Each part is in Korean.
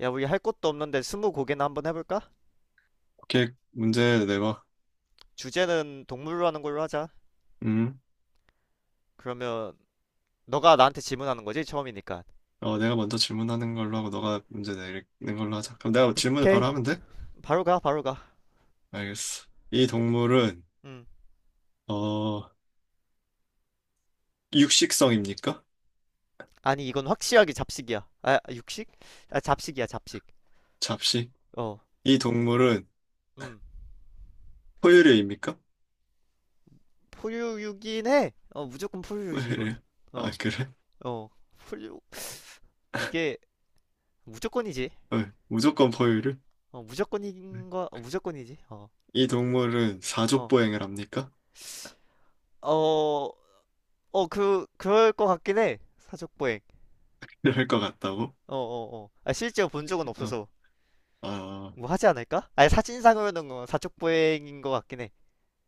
야, 우리 할 것도 없는데 스무 고개나 한번 해볼까? 이렇게 문제 내봐. 주제는 동물로 하는 걸로 하자. 음. 그러면 너가 나한테 질문하는 거지? 처음이니까. 내가 먼저 질문하는 걸로 하고 너가 문제 내는 걸로 하자. 그럼 내가 질문을 바로 오케이. 하면 돼? 바로 가, 바로 가. 알겠어. 이 동물은 음. 어, 육식성입니까? 아니, 이건 확실하게 잡식이야. 아, 육식? 아, 잡식이야, 잡식. 잡식? 어. 이 동물은 음. 포유류입니까? 포유류긴 해. 어, 무조건 포유류지, 이건. 포유류. 아, 어. 그래? 어. 포유. 이게 무조건이지. 어, 무조건 포유류? 어, 무조건인 거, 어, 무조건이지. 어. 이 동물은 어. 사족보행을 합니까? 어, 어, 그럴 것 같긴 해. 사족보행. 이럴 것 같다고? 어, 어, 어. 아, 실제로 본 적은 어, 없어서 아, 뭐 하지 않을까? 아니, 사진상으로는 사촉보행인 것 같긴 해.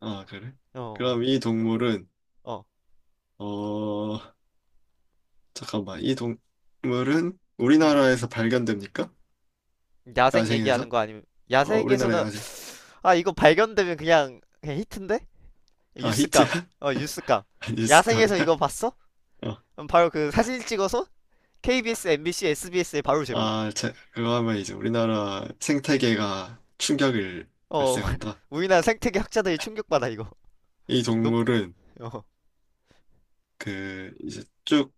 아, 그래? 어, 그럼 이 동물은, 어, 어, 어, 잠깐만, 이 동물은 음. 우리나라에서 발견됩니까? 야생 얘기하는 야생에서? 거 아니면 어, 우리나라 야생에서는 야생. 아 이거 발견되면 그냥 히트인데? 아, 뉴스감. 히트야? 어, 뉴스감. 야생에서 뉴스캅이야? 이거 봤어? 어. 그럼 바로 그 사진 찍어서 KBS, MBC, SBS에 바로 제보. 아, 제 그거 하면 이제 우리나라 생태계가 충격을 어, 발생한다. 우리나라 생태계 학자들이 충격받아 이거. 이 놈, 동물은 어, 그 이제 쭉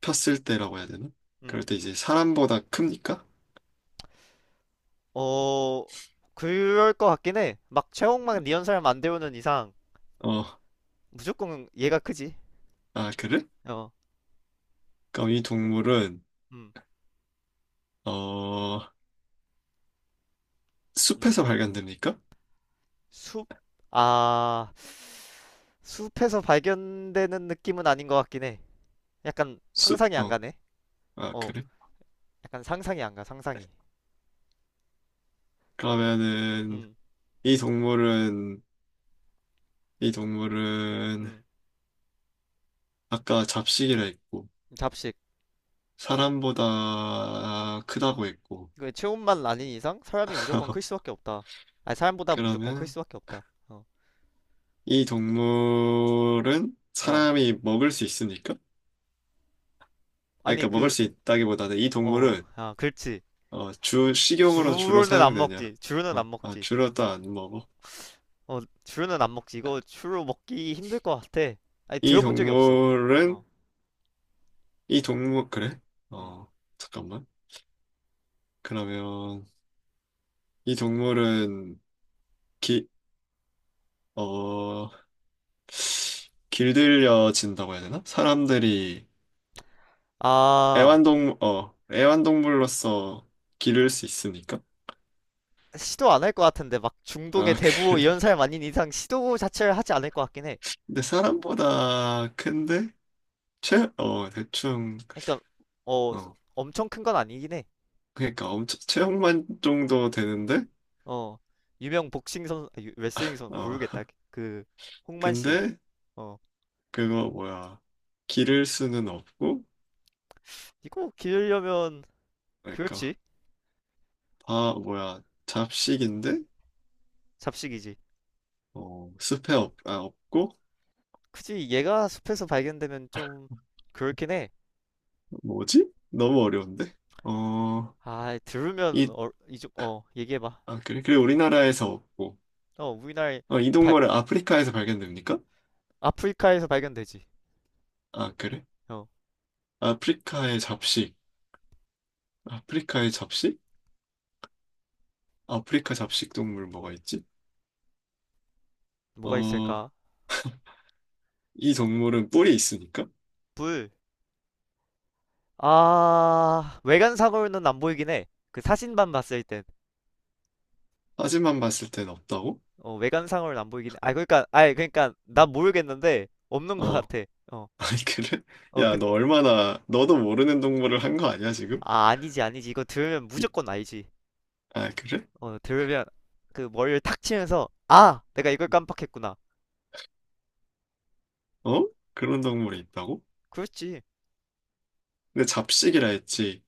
폈을 때라고 해야 되나? 음. 그럴 때 이제 사람보다 큽니까? 어, 그럴 것 같긴 해. 막 최홍만 리언설 만안되오는 이상. 어, 무조건 얘가 크지. 아, 그래? 어. 그럼 이 동물은 음. 어, 숲에서 음. 발견됩니까? 숲? 아. 숲에서 발견되는 느낌은 아닌 것 같긴 해. 약간 숲? 상상이 안 어, 가네. 아, 어. 그래? 약간 상상이 안 가. 상상이. 그러면은 음. 이 동물은 이 동물은 음. 아까 잡식이라 했고 잡식. 사람보다 크다고 했고. 그 체온만 아닌 이상 사람이 무조건 클 수밖에 없다. 아니 사람보다 무조건 클 그러면 수밖에 없다. 어. 이 동물은 어. 사람이 먹을 수 있습니까? 아니, 아니 그러니까 먹을 그 수 있다기보다는 이 어. 동물은 아, 그렇지. 주 식용으로 주로 주로는 안 사용되냐? 먹지. 주로는 어, 안 아, 먹지. 주로 또 안 먹어. 어, 주로는 안 먹지. 이거 주로 먹기 힘들 것 같아. 아니 이 들어본 적이 없어. 동물은 어. 이 동물 그래? 음. 어, 잠깐만. 그러면 이 동물은 기, 어, 길들여진다고 해야 되나? 사람들이 아, 애완동물로서 기를 수 있으니까. 시도 안 할 것 같은데 막 중동의 아, 대부 그래. 이런 사람 아닌 이상 시도 자체를 하지 않을 것 같긴 해. 근데 사람보다 큰데? 체, 어, 대충, 그러니까 어 어, 엄청 큰 건 아니긴 해. 그러니까 엄청, 체형만 정도 되는데? 어 유명 복싱 선 아, 레슬링 선 어, 모르겠다. 그 홍만 씨. 근데, 어 그거 뭐야. 기를 수는 없고, 이거 기르려면 그러니까, 그렇지 다, 뭐야, 잡식인데? 잡식이지. 없고, 굳이 얘가 숲에서 발견되면 좀 그렇긴 해. 뭐지? 너무 어려운데? 어, 아 들으면 이, 어, 이좀 어 얘기해봐. 아, 그래? 그래, 우리나라에서 없고, 어 우리나라 이 발 동물은 아프리카에서 발견됩니까? 아프리카에서 발견되지. 아, 그래? 어 아프리카의 잡식. 아프리카의 잡식? 아프리카 잡식 동물 뭐가 있지? 뭐가 있을까? 어, 이 동물은 뿔이 있으니까? 불 아, 외관상으로는 안 보이긴 해. 그 사진만 봤을 땐. 사진만 봤을 땐 없다고? 어, 외관상으로는 안 보이긴 해. 아, 그러니까, 아니, 그러니까, 난 모르겠는데, 없는 것 어, 같아. 어, 아니, 그래? 어, 야, 너 얼마나, 너도 모르는 동물을 한 거 아니야, 지금? 아, 아니지, 아니지. 이거 들으면 이- 무조건 알지. 아, 그래? 어, 들으면, 그 머리를 탁 치면서, 아! 내가 이걸 음. 깜빡했구나. 어? 그런 동물이 있다고? 그렇지. 근데 잡식이라 했지.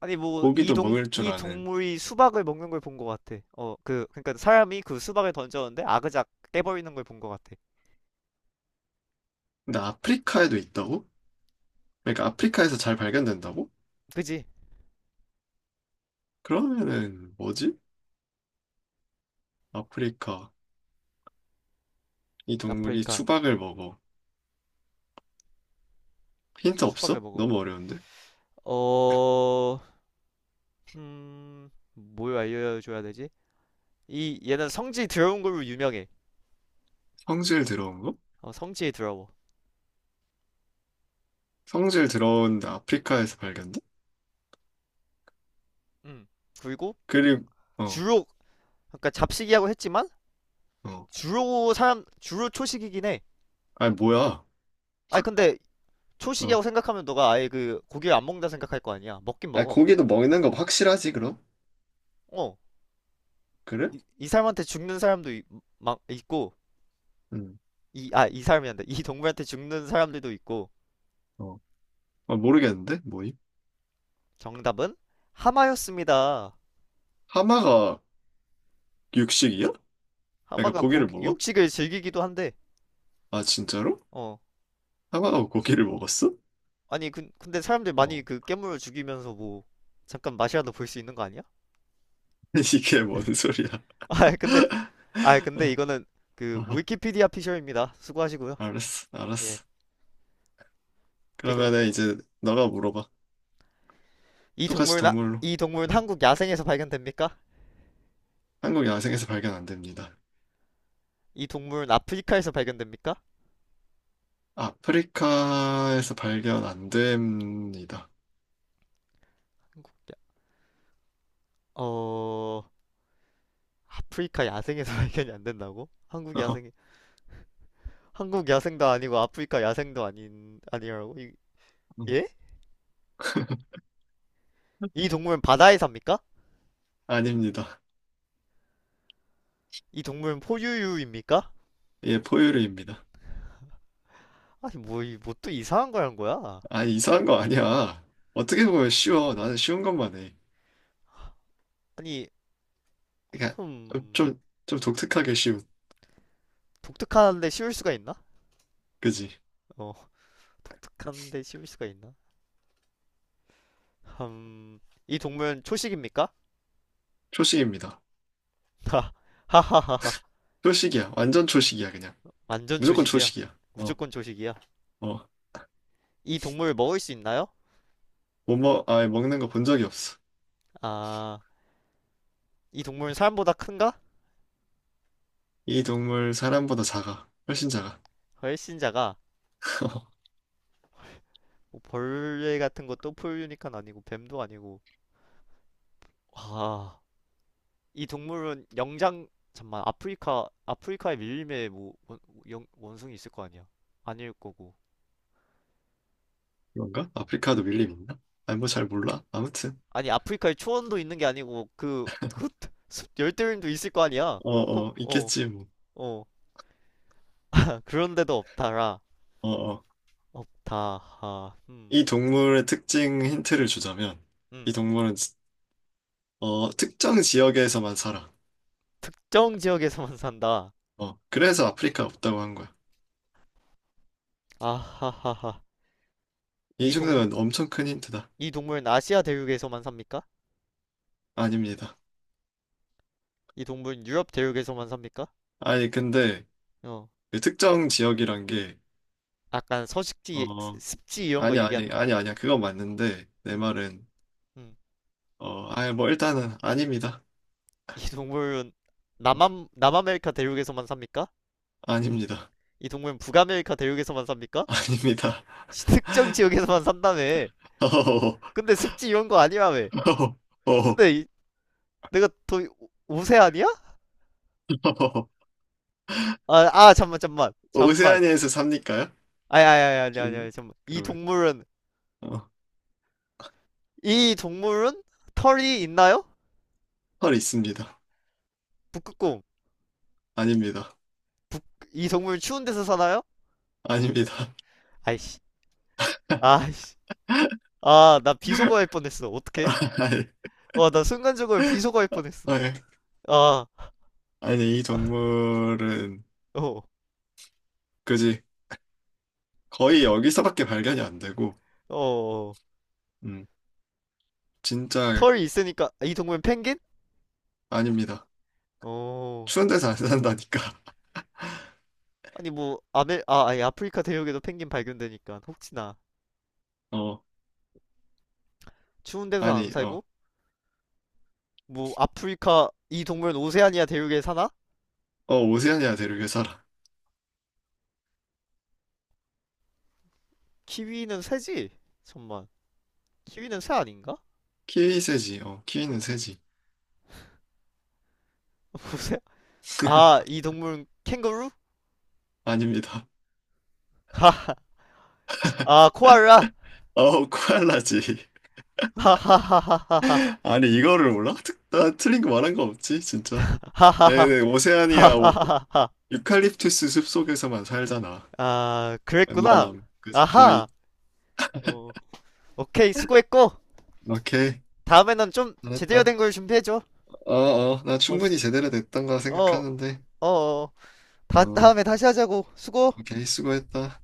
아니, 뭐, 고기도 먹을 줄 이 아는. 동물이 수박을 먹는 걸 본 것 같아. 어, 그, 그러니까 사람이 그 수박을 던졌는데, 아그작 깨버리는 걸 본 것 같아. 근데 아프리카에도 있다고? 그러니까 아프리카에서 잘 발견된다고? 그지? 그러면은 뭐지? 아프리카. 이 동물이 아프리카, 수박을 먹어. 힌트 수박을 없어? 먹어. 너무 어려운데? 어, 뭘 알려줘야 되지? 이 얘는 성지 더러운 걸로 유명해. 성질 들어온 거? 어, 성지 더러워. 성질 들어온데 아프리카에서 발견돼? 음. 그리고 그리고 어, 주로 그러니까 잡식이라고 했지만 어. 주로 사람 주로 초식이긴 해. 아니 뭐야? 아니 근데 어. 초식이라고 생각하면 너가 아예 그 고기를 안 먹는다 생각할 거 아니야. 먹긴 아니 먹어. 고기도 먹는 거 확실하지 그럼? 어. 그래? 이, 이 사람한테 죽는 사람도 막 있고 응. 이 아 이 사람이 한다. 이 동물한테 죽는 사람들도 있고 어. 아, 모르겠는데 뭐임? 정답은 하마였습니다. 하마가 육식이야? 그러니까 하마가 고 고기를 먹어? 육식을 즐기기도 한데. 아 진짜로? 어. 하마가 고기를 먹었어? 아니 근데 사람들이 어. 많이 그 깨물어 죽이면서 뭐 잠깐 맛이라도 볼 수 있는 거 아니야? 이게 뭔 소리야? 아 근데 아 근데 이거는 그 아, 위키피디아 피셜입니다. 수고하시고요. 알았어, 예. 알았어. 오케이 그럼 그러면은 이제 너가 물어봐. 이 똑같이 동물은 동물로. 이 동물은 음. 한국 야생에서 발견됩니까? 한국 야생에서 발견 안 됩니다. 이 동물은 아프리카에서 발견됩니까? 아프리카에서 발견 안 됩니다. 어 아프리카 야생에서 발견이 안 된다고? 한국 야생도 아니고 아프리카 야생도 아닌 아니라고? 이, 음. 예? 이 동물은 바다에 삽니까? 아닙니다. 이 동물은 포유류입니까? 예, 포유류입니다. 아니 뭐 이 뭐 또 이상한 거란 거야? 아, 이상한 거 아니야. 어떻게 보면 쉬워. 나는 쉬운 것만 해. 아니, 그러니까 좀, 흠, 좀, 좀 독특하게 쉬운. 독특한데 쉬울 수가 있나? 그지? 어, 독특한데 쉬울 수가 있나? 흠, 이 동물 초식입니까? 초식입니다. 하, 하하하하. 초식이야. 완전 초식이야, 그냥. 완전 무조건 초식이야. 초식이야. 어, 무조건 초식이야. 어. 이 동물 먹을 수 있나요? 못 먹, 아, 먹는 거 본 적이 없어. 아, 이 동물은 사람보다 큰가? 이 동물 사람보다 작아. 훨씬 작아. 훨씬 작아. 뭐 벌레 같은 것도 포유니깐 아니고, 뱀도 아니고. 와, 이 동물은 영장, 잠만, 아프리카, 아프리카의 밀림에 뭐, 원, 원숭이 있을 거 아니야? 아닐 거고. 그런가? 아프리카도 밀림 있나? 아니, 뭐 잘 몰라. 아무튼. 아니 아프리카에 초원도 있는 게 아니고 그 열대우림도 있을 거 아니야. 어, 어, 콕 어, 어, 있겠지, 뭐. 어. 아, 그런데도 없다라. 어, 어. 없다. 하. 이 음. 동물의 특징 힌트를 주자면 이 음. 동물은 지- 어, 특정 지역에서만 살아. 특정 지역에서만 산다. 어, 그래서 아프리카 없다고 한 거야. 아하하하. 이 이 동물 정도면 엄청 큰 힌트다. 이 동물은 아시아 대륙에서만 삽니까? 아닙니다. 이 동물은 유럽 대륙에서만 삽니까? 아니 근데 어. 그 특정 지역이란 게 약간 서식지 어, 습지 이런 거 아니 얘기하는 아니 거야. 아니 아니야. 그건 맞는데 내 음. 말은 음. 어, 아니 뭐 일단은 아닙니다. 이 동물은 어, 남아메리카 대륙에서만 삽니까? 아닙니다. 이 동물은 북아메리카 대륙에서만 삽니까? 아닙니다. 특정 지역에서만 산다며. 어허허허. 근데 습지 이런 거 아니라며. 어허허허. 근데 내가 더 세 아니야? 어허허허. 아, 아, 잠만, 잠만, 잠만. 오세아니아에서 삽니까요? 아니, 아니, 아니, 아니, 지금 아니, 잠만. 이 그러면 동물은, 어, 이 동물은 털이 있나요? 털 있습니다. 북극곰. 아닙니다. 이 동물 추운 데서 사나요? 아닙니다. 아이씨, 아이씨. 아, 나 비속어할 뻔했어. 어떡해? 와, 나 순간적으로 비속어할 뻔했어. 아니, 아니, 아, 이 동물은 어, 그지 거의 여기서밖에 발견이 안 되고, 어, 어. 음, 진짜 털이 있으니까, 아, 이 동물은 펭귄? 아닙니다. 어. 추운 데서 안 산다니까. 아니 뭐 아메 아 아니 아프리카 대륙에도 펭귄 발견되니까 혹시나 어, 추운 데서 안 아니, 어, 살고 뭐 아프리카 이 동물은 오세아니아 대륙에 사나? 어, 오세아니아 대륙에 살아. 키위는 새지? 잠만 키위는 새 아닌가? 키위 새지. 어, 키위는 어, 새지. 오세 아이 동물은 캥거루? 아닙니다. 아 코알라 어, 코알라지. 아니, 이거를 몰라? 특- 나 틀린 거 말한 거 없지, 진짜. 하하하하하하 네네, 오세아니아 오- 하하하하하하하 유칼립투스 숲속에서만 살잖아. 아 그랬구나 웬만함, 그지 아하 거의. 어 오케이 수고했고 오케이, 다음에는 좀 제대로 잘했다. 된 걸 준비해줘 어, 나 충분히 어어어 제대로 됐던 거 어, 생각하는데. 어, 어. 어, 다음에 다시 하자고 수고 오케이, 수고했다.